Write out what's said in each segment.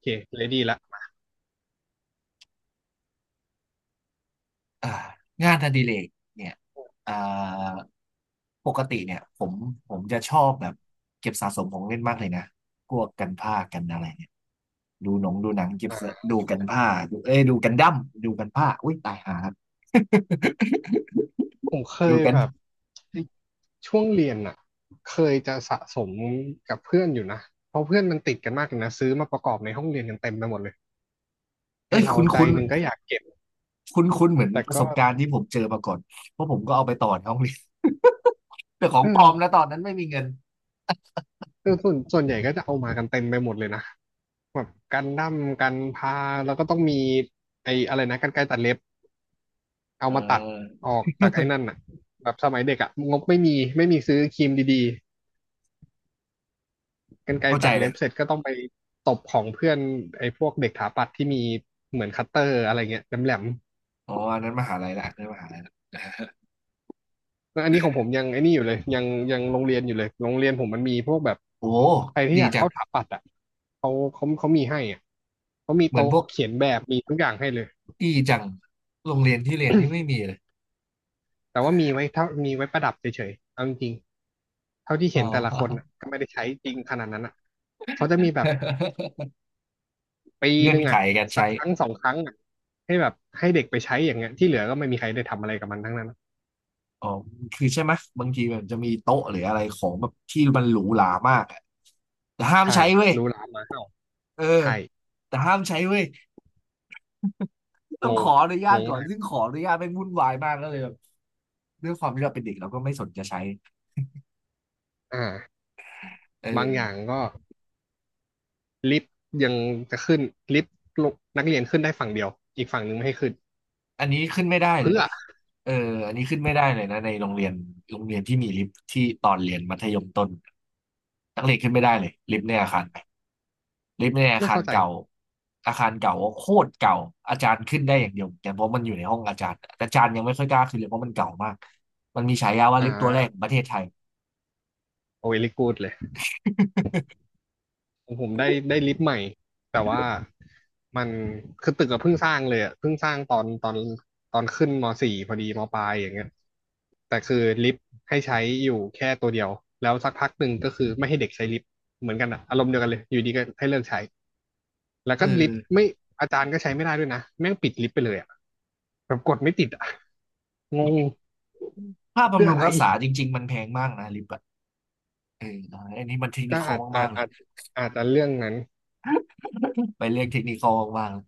เคเลดี้ละอ่างานอดิเรกเนี่ยอ่าปกติเนี่ยผมจะชอบแบบเก็บสะสมของเล่นมากเลยนะพวกกันผ้ากันอะไรเนี่ยดูหนังเก็บอ่สะาดูกันผ้าดูเอ้ยดูกันดั้มดูกันผ้าอุ้ยตายหาครับ ผมเค ดูยกันแบบช่วงเรียนอ่ะเคยจะสะสมกับเพื่อนอยู่นะเพราะเพื่อนมันติดกันมากเลยนะซื้อมาประกอบในห้องเรียนกันเต็มไปหมดเลยไอ้เอ้ยเราคุ้นใจคุ้นหนึ่งก็อยากเก็บคุ้นคุ้นเหมือนแต่ประก็สบการณ์ที่ผมเจอมาก่อนเพราะผมก็เอาไปต่อในห้องเรียน แต่ขอเองปลอมนะอตอนนั้นไม่มีเงินเออส่วนใหญ่ก็จะเอามากันเต็มไปหมดเลยนะแบบกันดั้มกันพาแล้วก็ต้องมีไอ้อะไรนะกรรไกรตัดเล็บเอาเอมาตัดอออกจากไอ้นั่นอ่ะแบบสมัยเด็กอ่ะงบไม่มีไม่มีซื้อครีมดี กรรไกรเข้าใจตัดเลเล็ยบเสร็จก็ต้องไปตบของเพื่อนไอ้พวกเด็กถาปัดที่มีเหมือนคัตเตอร์อะไรเงี้ยแหลมอ๋ออันนั้นมหาลัยละอันนั้นมหาลัยละๆแล้วอันนี้ของผมยังไอ้นี่อยู่เลยยังยังโรงเรียนอยู่เลยโรงเรียนผมมันมีพวกแบบโอ้ใครที่ดีอยากจัเข้าถางปัดอ่ะเขาเขามีให้อ่ะเขามีเหมือนโต๊ะพวก เขียนแบบมีทุกอย่างให้เลยดีจังโรงเรียนที่เรียนนี่ไม่มีเลยแต่ว่ามีไว้เท่ามีไว้ประดับเฉยๆเอาจริงๆเท่าที่อ๋เห็นแต่ละคนน่ะอ ก็ไม่ได้ใช้จริงขนาดนั้นอ่ะเขาจะมีแบบ ปีเงื่หอนนึ่งไขอ่ะการสักใช้ครั้งสองครั้งอ่ะให้แบบให้เด็กไปใช้อย่างเงี้ยที่เหลือก็ไม่มีใครได้ทำอะไรกับมันทั้งนั้นอ๋อคือใช่ไหมบางทีมันจะมีโต๊ะหรืออะไรของแบบที่มันหรูหรามากอะแต่ห้ามใช่ใช้เว้ยรู้ร้านมาเห่าเออใช่แต่ห้ามใช้เว้ยต้องงขงออนุญางตงก่อนมากซึ่งขออนุญาตไม่งวุ่นวายมากก็เลยแบบด้วยความที่เราเป็นเด็กเราก็ไม่สนจะใช้อ่าเออบางอย่างก็ลิฟต์ยังจะขึ้นลิฟต์ลงนักเรียนขึ้นได้ฝั่งเดียวอีกฝั่งหนึ่งไม่ให้ขึ้นอันนี้ขึ้นไม่ได้เลยเพื่อนะเอออันนี้ขึ้นไม่ได้เลยนะในโรงเรียนโรงเรียนที่มีลิฟท์ที่ตอนเรียนมัธยมต้นนักเรียนขึ้นไม่ได้เลยลิฟต์ในอาคาร ลิฟต์ในอาไม่คารเข้าใจเก่าอาคารเก่าโคตรเก่า อาจารย์ขึ้นได้อย่างเดียวแต่เพราะมันอยู่ในห้องอาจารย์แต่อาจารย์ยังไม่ค่อยกล้าขึ้นเลยเพราะมันเก่ามาก มันมีฉายาว่าอ่ลิฟต์ตัวแรกขอางประเทศไทย โอเวลิกูดเลย ของผมได้ลิฟต์ใหม่แต่ว่ามันคือตึกก็เพิ่งสร้างเลยอ่ะเพิ่งสร้างตอนขึ้นมสี่พอดีมปลายอย่างเงี้ยแต่คือลิฟต์ให้ใช้อยู่แค่ตัวเดียวแล้วสักพักหนึ่งก็คือไม่ให้เด็กใช้ลิฟต์เหมือนกันอ่ะอารมณ์เดียวกันเลยอยู่ดีก็ให้เลิกใช้แล้วเอก็ลิฟต์อไม่อาจารย์ก็ใช้ไม่ได้ด้วยนะแม่งปิดลิฟต์ไปเลยอะแบบกดไม่ติดอ่ะงงค่าเพื่บำอรุอะงไรรักษาจริงๆมันแพงมากนะลิปอะเอออันนี้มันเทคนิก็คอลอาจอามาจกๆเลยอาจอาจจะเรื่องนั้น ไปเรื่องเทคนิคอลมากๆเลย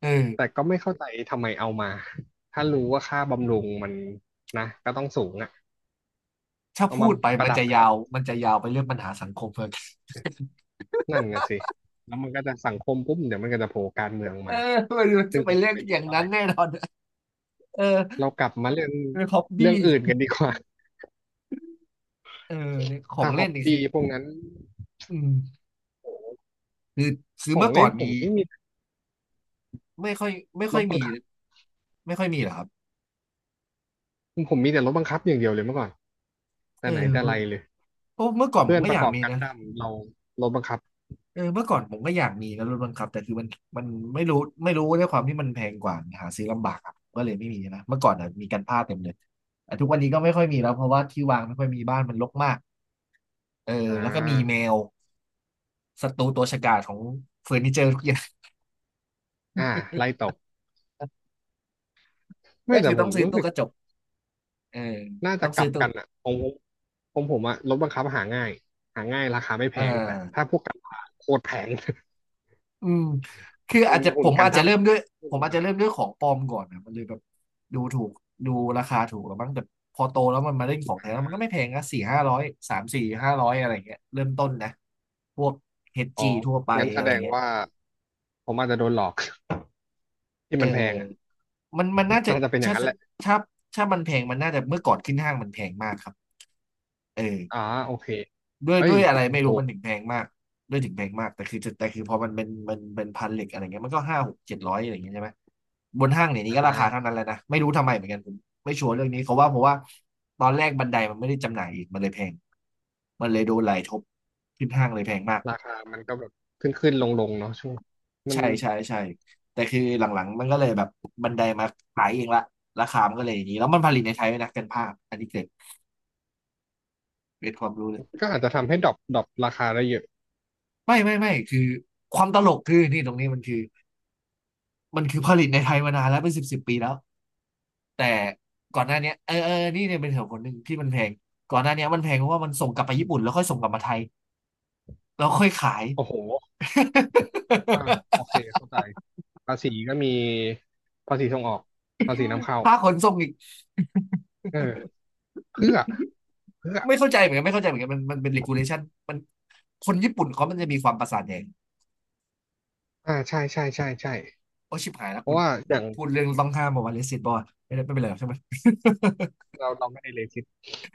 เออแต่ก็ไม่เข้าใจทำไมเอามา ถ้ารู้ว่าค่าบำรุงมันนะก็ต้องสูงอ่ะถ้าเอาพูมาดไปปมัระนดับจะไว้ยาก่อว นมันจะยาวไปเรื่องปัญหาสังคมเลย นั่นนะสิแล้วมันก็จะสังคมปุ๊บเดี๋ยวมันก็จะโผล่การเมือง เอมาอมันซึ่จะงไปจะไม่เรื่องค่อยดีอย่างเท่าไหนั้ร่นแน่นอนเออเรากลับมาเรื่องเป็นฮ็อบเรื่บี้องอื่นกันดีกว่า เออเนี่ยของถ้าฮเล่อนบนี่บี้พวกนั้นอืมคือคือของเมื่อก่เล่อนนผมมี ไม่มีไม่ค่อยไม่รค่อถยบัมีงคับไม่ค่อยมีเหรอครับผมมีแต่รถบังคับอย่างเดียวเลยเมื่อก่อนเอแต่ไหนอแต่ไรเลยเพราะเมื่อก่อนผเพื่มอนก็ปอระยากกอบมีกันนะดั้มเรารถบังคับเออเมื่อก่อนผมก็อยากมีนะรถบังคับแต่คือมันไม่รู้ไม่รู้ด้วยความที่มันแพงกว่าหาซื้อลำบากครับก็เลยไม่มีนะเมื่อก่อนอ่ะมีกันพลาดเต็มเลยแต่ทุกวันนี้ก็ไม่ค่อยมีแล้วเพราะว่าที่วางไม่ค่อยมีบ้านมันรกมากเอออ่แล้วก็มีแมาวศัตรูตัวฉกาจของเฟอร์นิเจอร์ทุกอย่าง อ่าไล่ต กไม่ก็คืแต่อผต้อมงซื้อรู้ตู้สึกก ระจกเออน่าต้จะองกซื้ลัอบตู้กันอ่ะของผมของผมอะรถบังคับหาง่าย หาง่ายราคาไม่แพอ่งแต่ถ้าา พวกกันพาโคตรแพง อืมคือ เป็อานจจะหุ่นกันท่าแบบไม่ผมรู้อาจนะจะเริ่มด้วยของปลอมก่อนนะมันเลยแบบดูถูกดูราคาถูกแล้วมั้งแต่พอโตแล้วมันมาเล่นของแท้แล้วมันก็ไม่แพงนะสี่ห้าร้อยสามสี่ห้าร้อยอะไรเงี้ยเริ่มต้นนะพวกเฮดอ๋อจีทั่วไปงั้นแสอะไรดงเงี้ยว่าผมอาจจะโดนหลอก ที่เออมันแพงอ่ะมันน่าจะน่าจะเป็นอย่างถ้านั้นแหละถ้าถ้ามันแพงมันน่าจะเมื่อก่อนขึ้นห้างมันแพงมากครับเออ อ๋อโอเคด้วยเอ้ด้ย วยอะไรผมไม่รู้ถูมักนถึงแพงมากด้วยถึงแพงมากแต่คือพอมันเป็นพันเหล็กอะไรเงี้ยมันก็ห้าหกเจ็ดร้อยอะไรอย่างเงี้ยใช่ไหมบนห้างเนี่ยนี้อ่ก็ราคาเท่าานั้นแหละนะไม่รู้ทำไมเหมือนกันผมไม่ชัวร์เรื่องนี้เขาว่าเพราะว่าตอนแรกบันไดมันไม่ได้จำหน่ายอีกมันเลยแพงมันเลยโดนไหลทบขึ้นห้างเลยแพงมากราคามันก็แบบขึ้นขึ้นลงลงเนาะช่วงมันใช่ใช่ใช่แต่คือหลังๆมันก็เลยแบบบันไดมาขายเองละราคามันก็เลยอย่างนี้แล้วมันผลิตในไทยด้วยนะเป็นภาพอันนี้เกิดเป็นความรู้เลยก็อาจจะทำให้ดรอปราคาได้เยอะไม่ไม่ไม่คือความตลกคือนี่ตรงนี้มันคือ มันคือผลิตในไทยมานานแล้วเป็นสิบสิบปีแล้วแต่ก่อนหน้าเนี้ยเออเออนี่เนี่ยเป็นเหตุผลหนึ่งที่มันแพงก่อนหน้าเนี้ยมันแพงเพราะว่ามันส่งกลับไปญี่ปุ่นแล้วค่อยส่งกลับมาไทยแล้วค่อยขาย โอ้โหอ่าโอเค เข้าใจภาษีก็มีภาษีส่งออกภาษีนำเข้าค่าขนส่งอีกเออเพื่อ เพื่อไม่เข้าใจเหมือนกันไม่เข้าใจเหมือนกันมันเป็น regulation มันคนญี่ปุ่นเขามันจะมีความประสาทแดงใช่ใช่ใช่ใช่โอ้ชิบหายแล้วเพคุราะณว่าอเดี๋ยย่าวงพูดเรื่องต้องห้ามบอกว่าเลสิตบอลไม่ได้ไม่เป็นไรหรอกใช่ไหม เราไม่ได้เลสิต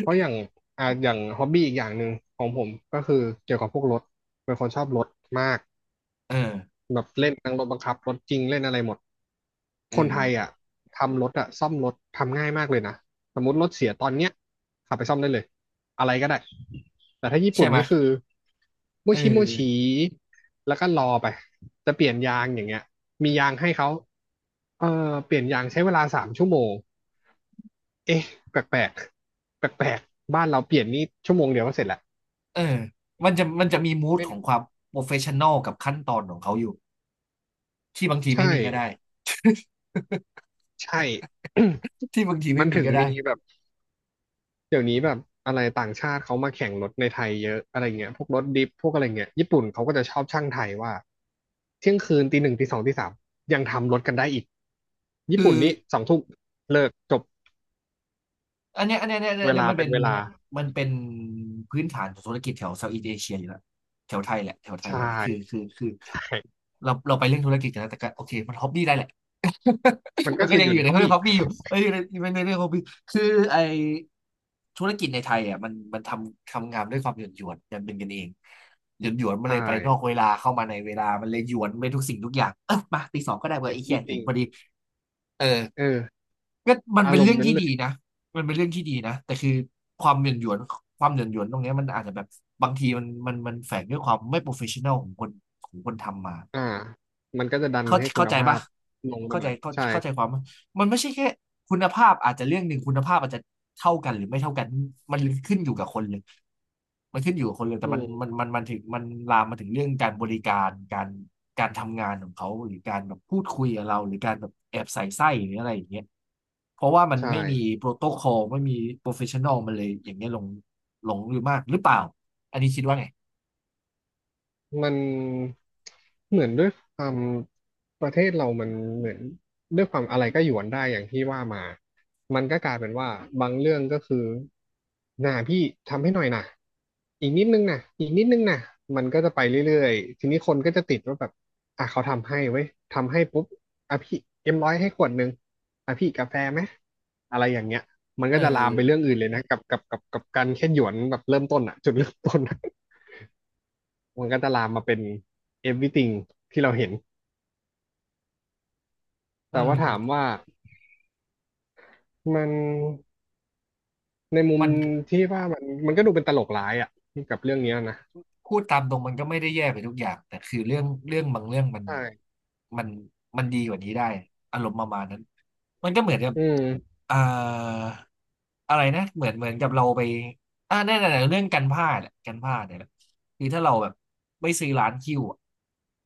เพราะอย่างอย่างฮอบบี้อีกอย่างหนึ่งของผมก็คือเกี่ยวกับพวกรถ เป็นคนชอบรถมาก เออแบบเล่นทั้งรถบังคับรถจริงเล่นอะไรหมด เออคนไทยอ่ะทำรถอ่ะซ่อมรถทำง่ายมากเลยนะสมมติรถเสียตอนเนี้ยขับไปซ่อมได้เลยอะไรก็ได้แต่ถ้าญี่ใช่ปุ่นไหมนี่คือโมเอชิโมชิอแล้วก็รอไปจะเปลี่ยนยางอย่างเงี้ยมียางให้เขาเออเปลี่ยนยางใช้เวลา3 ชั่วโมงเอ๊ะแปลกแปลกแปลกแปลกๆบ้านเราเปลี่ยนนี่ชั่วโมงเดียวก็เสร็จแล้วเออมันจะมีมูดไม่ของความโปรเฟชชั่น a ลกับขั้นตอนของเขาอยู่ ที่บางทีใช่ไม่มีก็ได้ใช่ ที่บางที มัไม่นมีถึงก็มีได้แบบ เดี๋ยวนี้แบบอะไรต่างชาติเขามาแข่งรถในไทยเยอะอะไรเงี้ยพวกรถดิฟพวกอะไรเงี้ย ญี่ปุ่นเขาก็จะชอบช่างไทยว่าเที่ยงคืนตี 1 ตี 2 ตี 3ยังทำรถกันได้อีกญี่คือปุ่นนี่2 ทุ่มเลิกจบอันเนี้ยอันเนี้ยอันเนี้ยเวอันเนี้ยลามันเป็เป็นนเวลามันเป็นพื้นฐานของธุรกิจแถวเซาท์อีสเอเชียอยู่แล้วแถวไทยแหละแถวไทยแหใช่ละคือใช่เราไปเรื่องธุรกิจกันนะแต่ก็โอเคมันฮ็อบบี้ได้แหละ มัน มัก็นก็คือยัองอยู่ยู่ในใน ฮ อบเรื่อบี้งฮ็อบบี้อยู่เอ้ยอยู่ันในเรื่องฮ็อบบี้คือไอธุรกิจในไทยอ่ะมันทำงานด้วยความหยวนหยวนกันเป็นกันเองหยวนหยวนมันใช่ เลยไปนอกเวลาเข้ามาในเวลามันเลยหยวนไปทุกสิ่งทุกอย่างเออมาตีสองก็ได้เว้ยไอ้เหี้ยเห็น everything พอดีเออ เออก็มันอาเป็นรมเรื่อณ์งนั้นที่เลดียนะมันเป็นเรื่องที่ดีนะ แต่คือความเหย่อนหยวนความเหย่อนหยวนตรงเนี้ยมันอาจจะแบบบางทีมันแฝงด้วยความไม่โปรเฟชชั่นอลของคนของคนทำมา อ่ามันก็จะดันเข้าให้คุเข้าณใจภาปะพลงมาเข้าหใจน่อยเข้าใช่เข้าใจความปะมันไม่ใช่แค่คุณภาพอาจจะเรื่องหนึ่งคุณภาพอาจจะเท่ากันหรือไม่เท่ากันมันขึ้นอยู่กับคนเลยมันขึ้นอยู่กับคนเลยแต่อืมันมัมนมันมันถึงมันลามมาถึงเรื่องการบริการการทำงานของเขาหรือการแบบพูดคุยกับเราหรือการแบบแอบใส่ไส้หรืออะไรอย่างเงี้ยเพราะว่ามันใช่ ไม่มีโปรโตคอลไม่มีโปรเฟชชั่นอลมันเลยอย่างเงี้ยหลงอยู่มากหรือเปล่าอันนี้คิดว่าไงมันเหมือนด้วยความประเทศเรามันเหมือนด้วยความอะไรก็หยวนได้อย่างที่ว่ามามันก็กลายเป็นว่าบางเรื่องก็คือน่ะพี่ทำให้หน่อยนะอีกนิดนึงนะอีกนิดนึงนะมันก็จะไปเรื่อยๆทีนี้คนก็จะติดว่าแบบอ่ะเขาทำให้เว้ยทำให้ปุ๊บอ่ะพี่เอ็มร้อยให้ขวดนึงอ่ะพี่กาแฟไหมอะไรอย่างเงี้ยมันเอก็จะลามไปเรื่อองอื่นเลยนะกับการแค่หยวนแบบเริ่มต้นอะจุดเริ่มต้นอะ มันก็จะลามมาเป็น everything ที่เราเห็น เอแต่ว่าถามอว่ามันในมุมมัน ที่ว่ามันก็ดูเป็นตลกร้ายอ่ะกับเรื่องเนี้ยนะพูดตามตรงมันก็ไม่ได้แย่ไปทุกอย่างแต่คือเรื่องบางเรื่องมันใช่มันมันดีกว่านี้ได้อารมณ์ประมาณนั้นมันก็เหมือนกับอืมเอ่ออะไรนะเหมือนกับเราไปอ่าแน่นอเรื่องกันผ้าดแหละกันผ้าดเนี่ยแหละคือถ้าเราแบบไม่ซื้อร้านคิวอะ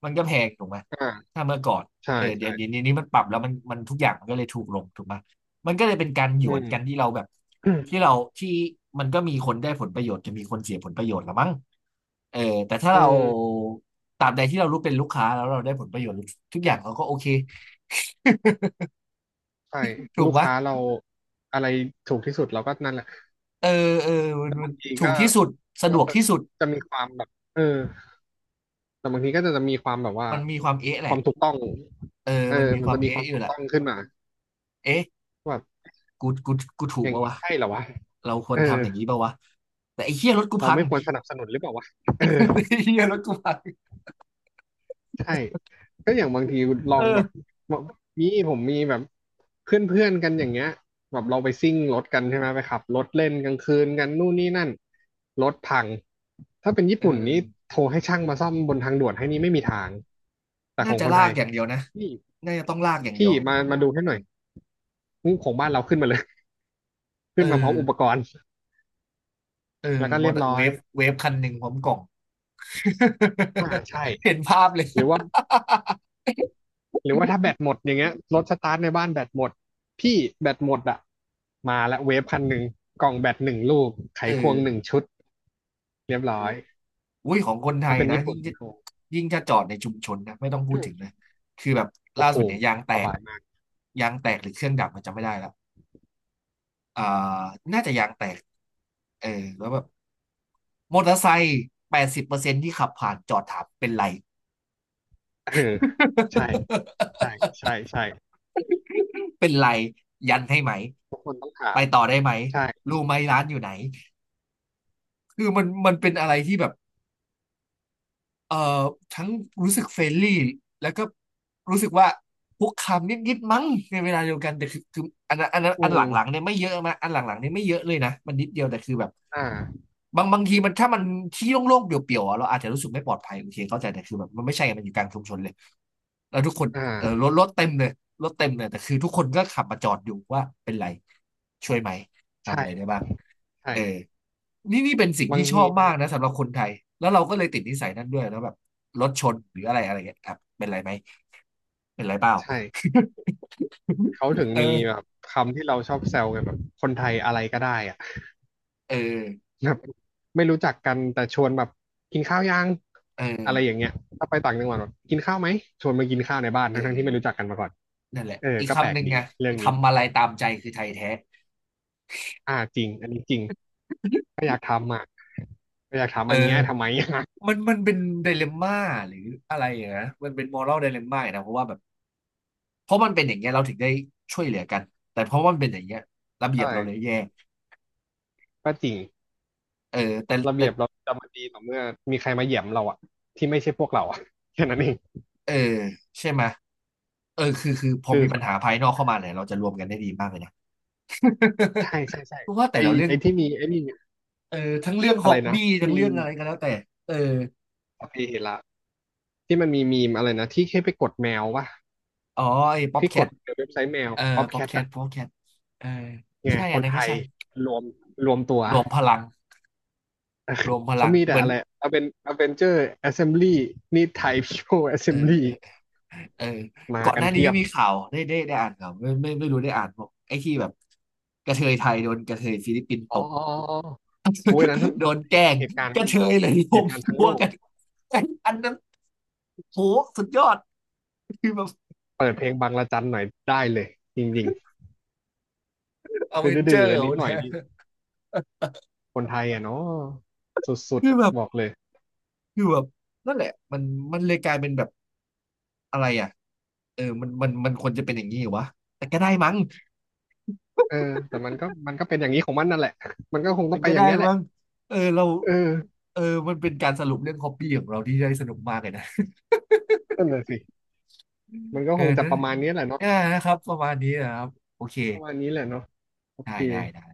มันก็แพงถูกไหมอ่าถ้าเมื่อก่อนใช่เออเดี๋ยใช่วเดี๋ยวนี้มันปรับแล้วมันทุกอย่างมันก็เลยถูกลงถูกไหมมันก็เลยเป็นการหยอืวนกันมที่เราแบบที่เราที่มันก็มีคนได้ผลประโยชน์จะมีคนเสียผลประโยชน์ละมั้ง เออแต่ถ้าอืเรามตรามใดที่เรารู้เป็นลูกค้าแล้วเราได้ผลประโยชน์ทุกอย่างเราก็โอเค ใช่ ถูกลูกปะค้าเราอะไรถูกที่สุดเราก็นั่นแหละ เออมันแต่มันบางทีถูก็กที่สุดสะก็ดวกจะที่สุดจะมีความแบบเออแต่บางทีก็จะมีความแบบว่ามันมีความเอ๊ะแหคละวามถูกต้องเออเออมันมีมัคนวาจะมมีคเอ๊ะวามอยู่ถูกแหละต้องขึ้นมาเอ๊ะว่าแบบกูกูถูอกย่างปะนี้วะใช่เหรอวะเราควเอรอ ทำอย่างนี้ปะวะแต่ไอ้เหี้ยรถกูเราพัง ไม่ควรสนับสนุนหรือเปล่าวะเออ ไอ้เหี้ยรถกูพังใช่ก็อย่างบางทีลเอองแบบอกมีผมมีแบบเพื่อนเพื่อนกันอย่างเงี้ยแบบเราไปซิ่งรถกันใช่ไหมไปขับรถเล่นกลางคืนกันนู่นนี่นั่นรถพังถ้าเป็นญี่เออปุ่นนี่โทรให้ช่างมาซ่อมบนทางด่วนให้นี่ไม่มีทางแต่ขน่าองจะคนไทลากยอย่างเดียวนะพี่น่าจะต้องลากอย่างเดียพี่วมามาดูให้หน่อยของบ้านเราขึ้นมาเลย เอขึ้อนมาพร้อมอุปกรณ์เออแล้วก็มอเรียบเตอร์ร้อเวยฟคันหนึ่งพร้อมกล่อง อ่าใช่ เห็นภาพเลยหรือว่า หรือว่าถ้าแบตหมดอย่างเงี้ยรถสตาร์ทในบ้านแบตหมดพี่แบตหมดอ่ะมาละเวฟพันหนึ่งกล่องแบตหนึ่งลูกไขเออควงหนึ่งชุดเรียบเออ ร้อยอุ้ยของคนไทถ้ายเป็นนะญี่ปุ่ยิ่น งจะยิ่งจะจอดในชุมชนนะไม่ต้องพูดถึงเลย คือแบบโอ้ล่าโหสุดโอ้เนี่ยโหยางแตสกบายมาก ยางแตกหรือเครื่องดับมันจำไม่ได้แล้วอ่าน่าจะยางแตกเออแล้วแบบมอเตอร์ไซค์80%ที่ขับผ่านจอดถามเป็นไร เออใช่ใช่ ใช่ใช่เป็นไรยันให้ไหมต้องถาไปมต่อได้ไหมใช่รู้ไหมร้านอยู่ไหนคือมันเป็นอะไรที่แบบ เอ่อทั้งรู้สึกเฟรนลี่แล้วก็รู้สึกว่าคุกคามนิดๆมั้งในเวลาเดียวกันแต่คืออันนั้นอือันหมลังๆเนี่ยไม่เยอะมาอันหลังๆเนี่ยไม่เยอะเลยนะมันนิดเดียวแต่คือแบบอ่าบางทีมันที่โล่งๆเปลี่ยวๆอะเราอาจจะรู้สึกไม่ปลอดภัยโอเคเข้าใจแต่คือแบบมันไม่ใช่ไงมันอยู่กลางชุมชนเลยแล้วทุกคนอ่เออรถารถเต็มเลยรถเต็มเลยแต่คือทุกคนก็ขับมาจอดอยู่ว่าเป็นไรช่วยไหมทำอะไรได้ใช่บ้าง ใช่เออนี่เป็นสิ่งบางที่ชทีอบมันมากนะสำหรับคนไทย แล้วเราก็เลยติดนิสัยนั้นด้วยแล้วแบบรถชนหรืออะไรอะไรเงี้ยครับเป็นไรไหมเป็นไรเปล่า ใช่เขาถึ งเอมีแบอบคำที่เราชอบแซวกันแบบคนไทยอะไรก็ได้อ่ะ เออแบบไม่รู้จักกันแต่ชวนแบบกินข้าวยังเออะไรออย่างเงี้ยถ้าไปต่างจังหวัดแบบกินข้าวไหมชวนมากินข้าวในบ้านเอทั้งๆที่ไม่รู้จักอกันมาก่อนนั่นแหละเอออีกก็แปลคำหกนึ่งดีไงเรื่องนี้ทำอะไรตามใจคือไทยแท้อ่าจริงอันนี้จริงก็อยากถามเออันเนี้ยทำไม อ มันมันเป็นไดเลมม่าหรืออะไรอย่างนะมันเป็นมอรัลไดเลมม่านะเพราะว่าแบบเพราะมันเป็นอย่างเงี้ยเราถึงได้ช่วยเหลือกันแต่เพราะว่ามันเป็นอย่างเงี้ยระเบียบเราเลยใช่แย่ก็จริงเออแต่ระแต่ เบียบเราจะมาดีต่อเมื่อมีใครมาเหยียบเราอะที่ไม่ใช่พวกเราอะ แค่นั้นเองเออใช่ไหมยเออคือพอคือมีคปัญนหาภายนอกเข้ามาเนี่ยเราจะรวมกันได้ดีมากเลยนะ ใช่ใช่ ใช่เพราะว่าแต่ไอเราเรื่อไองที่มีไอนี่เออทั้งเรื่องฮอะอไรบนะบี้ทั้งมีเรื่องมอะไรก็แล้วแต่เอออะเพเหระที่มันมีมอะไรนะที่แค่ไปกดแมววะอ๋อไอ้ป๊อปที่แคกดทในเว็บไซต์แมว เออ o ๊อ c ป๊แคอปทแคทอะ ป๊อปแคทเออไงใช่คอันนนั้นไทก็ยใช่รวมรวมตัว รวมพลังรว มพเขาลังมีเหแต่มือนอะไรเอาเป็นเจอร์แอสเซมบลีนี่ไทยพีโพแอสเซเออมบลีเออเออมาก่อนกัหนน้านี้เพียก็บมีข่าวได้อ่านข่าวไม่ไม่ไม่รู้ได้อ่านบอกไอ้ที่แบบกระเทยไทยโดนกระเทยฟิลิปปินส์อ๋ตอบ อ๋ออ๋อโอ้ยนั้น โดนแกล้งเหตุการกณ์ระเทยเลยรเหวมตุการณ์ทั้งตัโลวกกันอันนั้นโหสุดยอดคือแบบเปิดเพลงบังระจันหน่อยได้เลยจริงอๆดเวนเจื้ออๆร์กันนิดหน่อยนะนี่คนไทยอ่ะเนาะสุดคืๆออะแบบบอกเลยคือแบบนั่นแหละมันเลยกลายเป็นแบบอะไรอ่ะเออมันควรจะเป็นอย่างนี้เหรอวะแต่ก็ได้มั้งเออแต่มันก็เป็นอย่างนี้ของมันนั่นแหละมันก็คงมัต้อนงไปก็อได้ย่างเงี้ยแหละมั้งเออเราเออเออมันเป็นการสรุปเรื่องฮอปปี้ของเราที่ได้สนุกมากเลยนะนั่นแหละสิมันก็เออคงจะนะประมาณนี้แหละเนาะเออนะครับประมาณนี้นะครับโอเคประมาณนี้แหละเนาะโอเคได้